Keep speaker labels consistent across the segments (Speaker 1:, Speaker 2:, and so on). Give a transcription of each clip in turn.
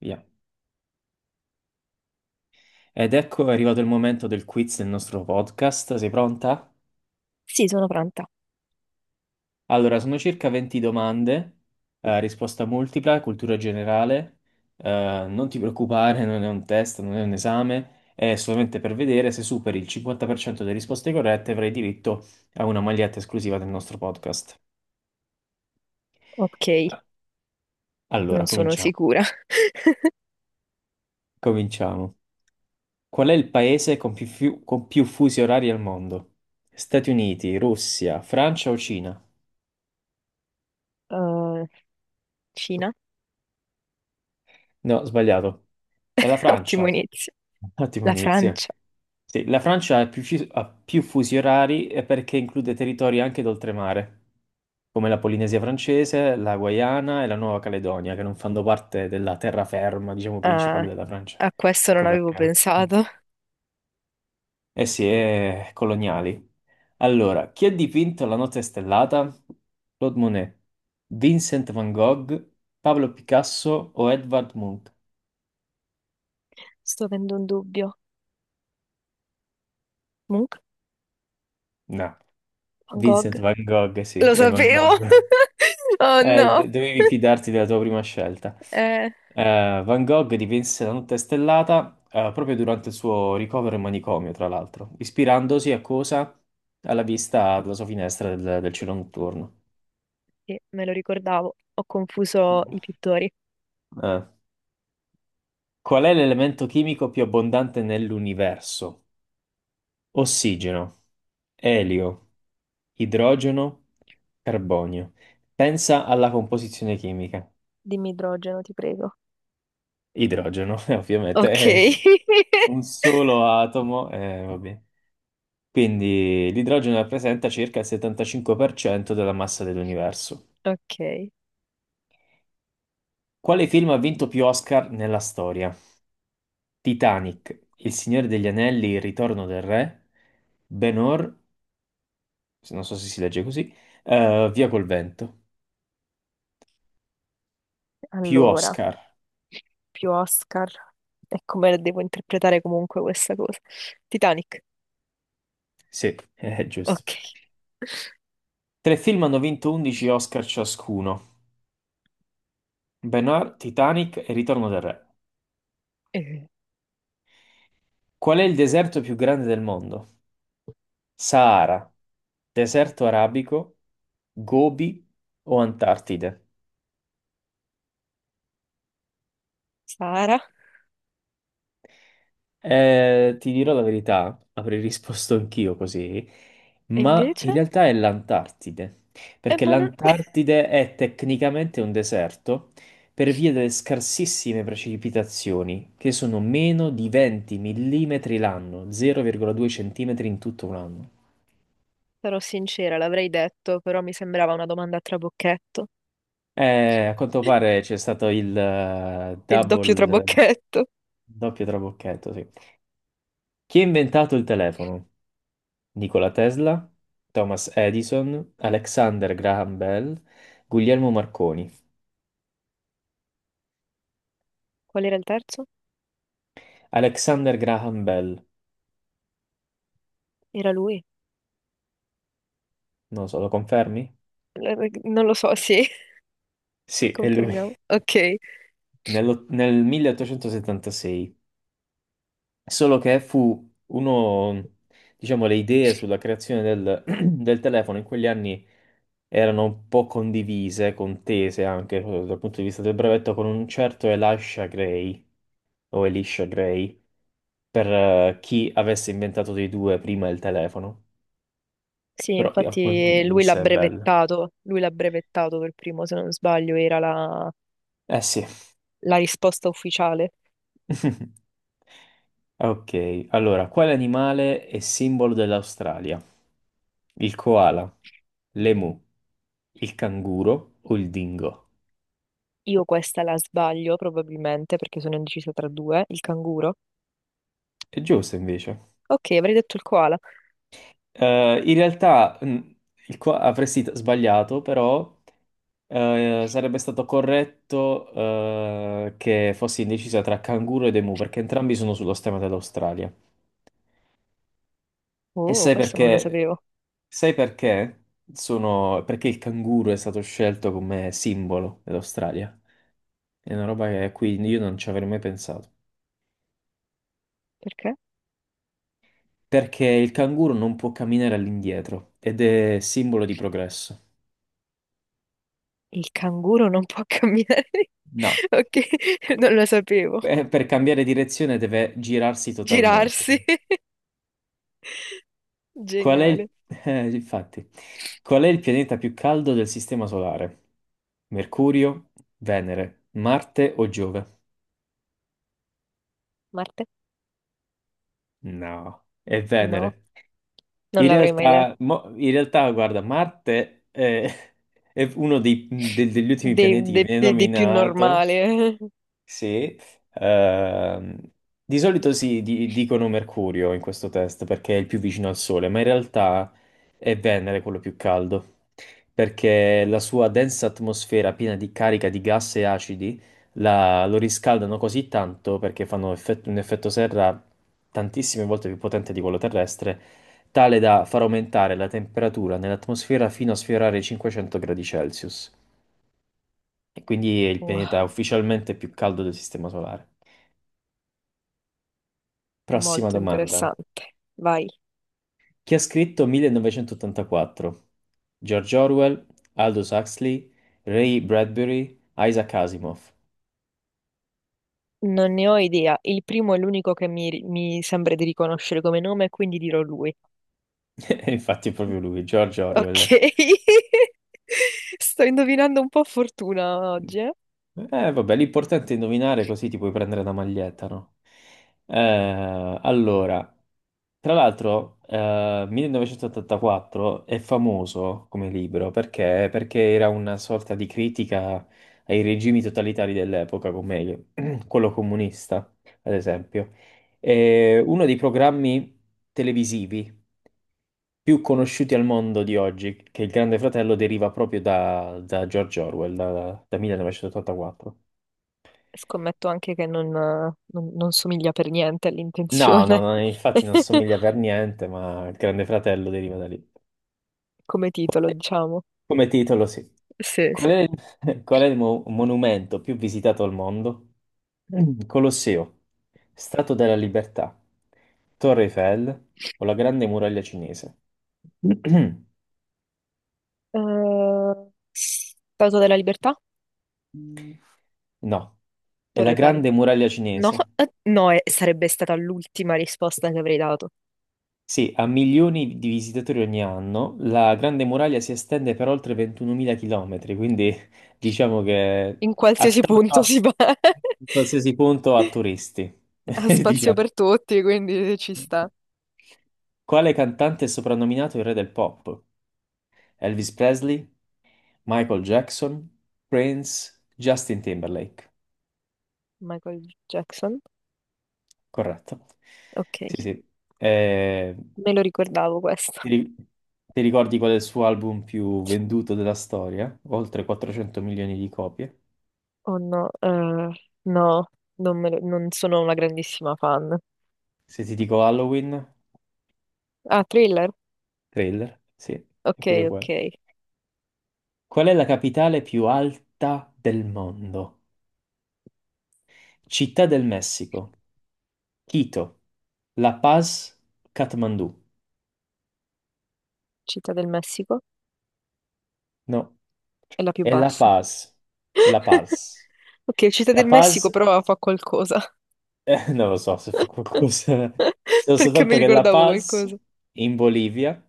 Speaker 1: Via. Ed ecco è arrivato il momento del quiz del nostro podcast. Sei pronta?
Speaker 2: Sì, sono pronta.
Speaker 1: Allora, sono circa 20 domande, risposta multipla, cultura generale. Non ti preoccupare, non è un test, non è un esame, è solamente per vedere se superi il 50% delle risposte corrette avrai diritto a una maglietta esclusiva del nostro podcast.
Speaker 2: Ok,
Speaker 1: Allora,
Speaker 2: non sono
Speaker 1: cominciamo.
Speaker 2: sicura.
Speaker 1: Cominciamo. Qual è il paese con con più fusi orari al mondo? Stati Uniti, Russia, Francia o Cina?
Speaker 2: Uh, Cina?
Speaker 1: No, sbagliato. E la
Speaker 2: Ottimo
Speaker 1: Francia?
Speaker 2: inizio.
Speaker 1: Ottimo
Speaker 2: La
Speaker 1: inizio.
Speaker 2: Francia?
Speaker 1: Sì, la Francia ha ha più fusi orari e perché include territori anche d'oltremare, come la Polinesia francese, la Guayana e la Nuova Caledonia, che non fanno parte della terraferma, diciamo, principale
Speaker 2: Ah,
Speaker 1: della Francia.
Speaker 2: a questo
Speaker 1: Ecco
Speaker 2: non avevo
Speaker 1: perché.
Speaker 2: pensato.
Speaker 1: Eh sì, è coloniali. Allora, chi ha dipinto La notte stellata? Claude Monet, Vincent van Gogh, Pablo Picasso o Edvard Munch?
Speaker 2: Sto avendo un dubbio. Munch?
Speaker 1: No,
Speaker 2: Van
Speaker 1: Vincent
Speaker 2: Gogh?
Speaker 1: van Gogh, sì,
Speaker 2: Lo
Speaker 1: è Van
Speaker 2: sapevo!
Speaker 1: Gogh.
Speaker 2: Oh no!
Speaker 1: Dovevi fidarti della tua prima scelta.
Speaker 2: Eh,
Speaker 1: Van Gogh dipinse La notte stellata proprio durante il suo ricovero in manicomio, tra l'altro, ispirandosi a cosa? Alla vista dalla sua finestra del cielo notturno.
Speaker 2: sì, me lo ricordavo. Ho confuso i pittori.
Speaker 1: Eh. Qual è l'elemento chimico più abbondante nell'universo? Ossigeno, elio, idrogeno, carbonio. Pensa alla composizione chimica.
Speaker 2: Dimmi idrogeno, ti prego.
Speaker 1: Idrogeno, ovviamente,
Speaker 2: Ok.
Speaker 1: è un solo atomo, vabbè. Quindi l'idrogeno rappresenta circa il 75% della massa dell'universo.
Speaker 2: Ok.
Speaker 1: Quale film ha vinto più Oscar nella storia? Titanic, Il Signore degli Anelli, Il Ritorno del Re, Ben-Hur, se- non so se si legge così, Via col vento. Più
Speaker 2: Allora,
Speaker 1: Oscar.
Speaker 2: più Oscar. E come la devo interpretare comunque questa cosa? Titanic.
Speaker 1: Sì, è giusto.
Speaker 2: Ok.
Speaker 1: Tre film hanno vinto 11 Oscar ciascuno. Ben-Hur, Titanic e Ritorno del Re.
Speaker 2: Eh,
Speaker 1: Qual è il deserto più grande del mondo? Sahara, deserto arabico, Gobi o Antartide?
Speaker 2: Sara.
Speaker 1: Ti dirò la verità, avrei risposto anch'io così,
Speaker 2: E
Speaker 1: ma in
Speaker 2: invece?
Speaker 1: realtà è l'Antartide, perché
Speaker 2: Ma non
Speaker 1: l'Antartide è tecnicamente un deserto per via delle scarsissime precipitazioni, che sono meno di 20 millimetri l'anno, 0,2 centimetri in tutto un anno.
Speaker 2: sarò sincera, l'avrei detto, però mi sembrava una domanda a trabocchetto.
Speaker 1: A quanto pare c'è stato il
Speaker 2: Il doppio
Speaker 1: double,
Speaker 2: trabocchetto.
Speaker 1: doppio trabocchetto, sì. Chi ha inventato il telefono? Nikola Tesla, Thomas Edison, Alexander Graham Bell, Guglielmo Marconi.
Speaker 2: Qual era il terzo?
Speaker 1: Alexander Graham Bell,
Speaker 2: Era lui.
Speaker 1: non lo so, lo confermi?
Speaker 2: Non lo so, sì,
Speaker 1: Sì, è lui,
Speaker 2: confermiamo. Ok.
Speaker 1: Nel 1876. Solo che fu uno, diciamo, le idee sulla creazione del telefono in quegli anni erano un po' condivise, contese anche dal punto di vista del brevetto, con un certo Elisha Gray, o Elisha Gray per chi avesse inventato dei due prima il telefono,
Speaker 2: Sì,
Speaker 1: però di-
Speaker 2: infatti
Speaker 1: in
Speaker 2: lui l'ha
Speaker 1: sé è bello.
Speaker 2: brevettato. Lui l'ha brevettato per primo, se non sbaglio, era la
Speaker 1: Eh sì.
Speaker 2: la risposta ufficiale.
Speaker 1: Ok, allora, quale animale è simbolo dell'Australia? Il koala, l'emu, il canguro o il dingo?
Speaker 2: Io questa la sbaglio probabilmente perché sono indecisa tra due. Il canguro.
Speaker 1: È giusto invece.
Speaker 2: Ok, avrei detto il koala.
Speaker 1: In realtà avresti sbagliato, però sarebbe stato corretto che fossi indecisa tra canguro ed emu, perché entrambi sono sullo stemma dell'Australia. E
Speaker 2: Oh,
Speaker 1: sai
Speaker 2: questo non lo
Speaker 1: perché?
Speaker 2: sapevo.
Speaker 1: Sai perché? Sono... Perché il canguro è stato scelto come simbolo dell'Australia. È una roba che qui io non ci avrei mai pensato.
Speaker 2: Perché?
Speaker 1: Perché il canguro non può camminare all'indietro ed è simbolo di progresso.
Speaker 2: Il canguro non può camminare.
Speaker 1: No.
Speaker 2: Ok, non lo sapevo.
Speaker 1: Per cambiare direzione deve girarsi totalmente.
Speaker 2: Girarsi.
Speaker 1: Qual è il...
Speaker 2: Geniale.
Speaker 1: infatti, qual è il pianeta più caldo del Sistema Solare? Mercurio, Venere, Marte o Giove?
Speaker 2: Marte?
Speaker 1: No, è
Speaker 2: No,
Speaker 1: Venere.
Speaker 2: non l'avrei mai detto.
Speaker 1: In realtà, guarda, Marte è degli ultimi
Speaker 2: Dei,
Speaker 1: pianeti che
Speaker 2: dei-
Speaker 1: viene
Speaker 2: dei- dei più
Speaker 1: nominato.
Speaker 2: normale.
Speaker 1: Sì, ehm, di solito dicono Mercurio in questo test perché è il più vicino al Sole, ma in realtà è Venere quello più caldo, perché la sua densa atmosfera piena di carica di gas e acidi lo riscaldano così tanto perché fanno un effetto serra tantissime volte più potente di quello terrestre, tale da far aumentare la temperatura nell'atmosfera fino a sfiorare i 500 gradi Celsius. E quindi è il pianeta
Speaker 2: Wow,
Speaker 1: ufficialmente più caldo del Sistema Solare. Prossima
Speaker 2: molto
Speaker 1: domanda.
Speaker 2: interessante. Vai.
Speaker 1: Chi ha scritto 1984? George Orwell, Aldous Huxley, Ray Bradbury, Isaac Asimov.
Speaker 2: Non ne ho idea. Il primo è l'unico che mi sembra di riconoscere come nome, quindi dirò lui.
Speaker 1: E infatti è proprio lui, George
Speaker 2: Ok.
Speaker 1: Orwell.
Speaker 2: Sto indovinando un po' a fortuna oggi, eh.
Speaker 1: Vabbè, l'importante è indovinare così ti puoi prendere la maglietta, no? Allora. Tra l'altro, 1984 è famoso come libro perché era una sorta di critica ai regimi totalitari dell'epoca, come quello comunista, ad esempio. È uno dei programmi televisivi più conosciuti al mondo di oggi, che il Grande Fratello deriva proprio da George Orwell, da 1984.
Speaker 2: Scommetto anche che non somiglia per niente
Speaker 1: No, no,
Speaker 2: all'intenzione
Speaker 1: no, infatti non somiglia per niente, ma il Grande Fratello deriva da lì.
Speaker 2: come titolo, diciamo.
Speaker 1: Come titolo, sì.
Speaker 2: Sì,
Speaker 1: Qual
Speaker 2: sì.
Speaker 1: è il, qual è monumento più visitato al mondo? Mm. Colosseo, Statua della Libertà, Torre Eiffel o la Grande Muraglia Cinese?
Speaker 2: Eh, Statua della Libertà?
Speaker 1: No, è
Speaker 2: Torre
Speaker 1: la
Speaker 2: Eiffel.
Speaker 1: Grande Muraglia
Speaker 2: No,
Speaker 1: Cinese.
Speaker 2: no, sarebbe stata l'ultima risposta che avrei dato.
Speaker 1: Sì, ha milioni di visitatori ogni anno, la Grande Muraglia si estende per oltre 21.000 km, quindi diciamo che
Speaker 2: In qualsiasi punto
Speaker 1: attacca
Speaker 2: si va.
Speaker 1: in qualsiasi punto a turisti,
Speaker 2: Ha spazio
Speaker 1: diciamo.
Speaker 2: per tutti, quindi ci sta.
Speaker 1: Quale cantante è soprannominato il re del pop? Elvis Presley, Michael Jackson, Prince, Justin Timberlake.
Speaker 2: Michael Jackson?
Speaker 1: Corretto.
Speaker 2: Ok,
Speaker 1: Sì, sì. Eh,
Speaker 2: me lo ricordavo questo.
Speaker 1: ti, ri- ti ricordi qual è il suo album più venduto della storia? Oltre 400 milioni di copie.
Speaker 2: Oh no, no, non, me lo- non sono una grandissima fan.
Speaker 1: Se ti dico Halloween,
Speaker 2: Ah, Thriller?
Speaker 1: trailer, sì, è
Speaker 2: Ok,
Speaker 1: proprio quello.
Speaker 2: ok.
Speaker 1: Qual è la capitale più alta del mondo? Città del Messico, Quito, La Paz, Kathmandu.
Speaker 2: Città del Messico
Speaker 1: No,
Speaker 2: è la più
Speaker 1: è La
Speaker 2: bassa.
Speaker 1: Paz. La Paz.
Speaker 2: Ok, Città
Speaker 1: La
Speaker 2: del Messico
Speaker 1: Paz,
Speaker 2: però fa qualcosa,
Speaker 1: non lo so se fu qualcosa. So
Speaker 2: perché
Speaker 1: soltanto
Speaker 2: mi
Speaker 1: che La
Speaker 2: ricordavo
Speaker 1: Paz
Speaker 2: qualcosa.
Speaker 1: in Bolivia,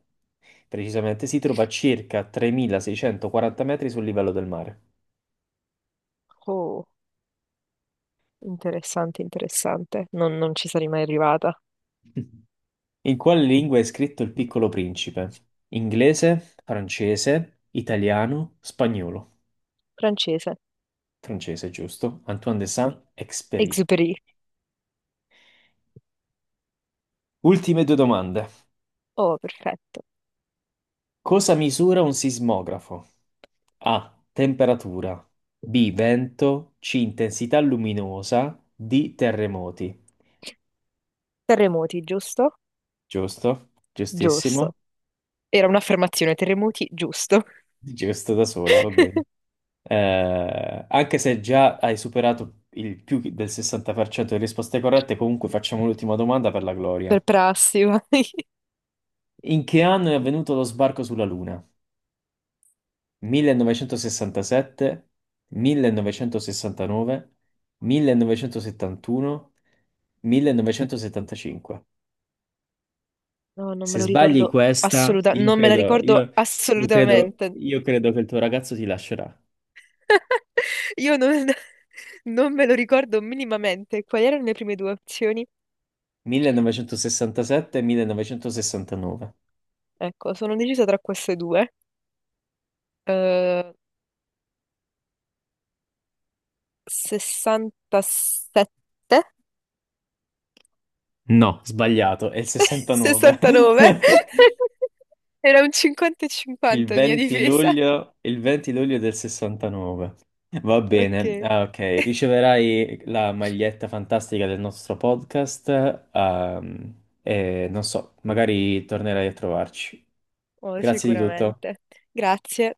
Speaker 1: precisamente, si trova a circa 3640 metri sul livello del mare.
Speaker 2: Oh, interessante, interessante. Non, non ci sarei mai arrivata.
Speaker 1: In quale lingua è scritto Il Piccolo Principe? Inglese, francese, italiano, spagnolo.
Speaker 2: Francese,
Speaker 1: Francese, giusto? Antoine de Saint-Exupéry.
Speaker 2: Exupéry.
Speaker 1: Ultime due domande.
Speaker 2: Oh, perfetto.
Speaker 1: Cosa misura un sismografo? A. Temperatura. B. Vento. C. Intensità luminosa. D. Terremoti.
Speaker 2: Terremoti, giusto?
Speaker 1: Giusto? Giustissimo.
Speaker 2: Giusto. Era un'affermazione, terremoti, giusto.
Speaker 1: Giusto da sola, va bene. Anche se già hai superato il più del 60% delle risposte corrette, comunque facciamo l'ultima domanda per la
Speaker 2: Per
Speaker 1: gloria.
Speaker 2: prassi, vai.
Speaker 1: In che anno è avvenuto lo sbarco sulla Luna? 1967, 1969, 1971, 1975.
Speaker 2: No, non me
Speaker 1: Se
Speaker 2: lo
Speaker 1: sbagli
Speaker 2: ricordo
Speaker 1: questa,
Speaker 2: assolutamente, non me la ricordo assolutamente.
Speaker 1: io credo che il tuo ragazzo ti lascerà.
Speaker 2: Io non, non me lo ricordo minimamente. Quali erano le prime due opzioni?
Speaker 1: 1967, 1969.
Speaker 2: Ecco, sono decisa tra queste due. Eh, 67,
Speaker 1: No, sbagliato, è il 69.
Speaker 2: 69. Era un 50 e
Speaker 1: Il
Speaker 2: 50 la mia
Speaker 1: 20
Speaker 2: difesa.
Speaker 1: luglio, il 20 luglio del 69. Va bene,
Speaker 2: Ok,
Speaker 1: ah, ok. Riceverai la maglietta fantastica del nostro podcast. Ehm, e non so, magari tornerai a trovarci.
Speaker 2: oh,
Speaker 1: Grazie di tutto.
Speaker 2: sicuramente. Grazie.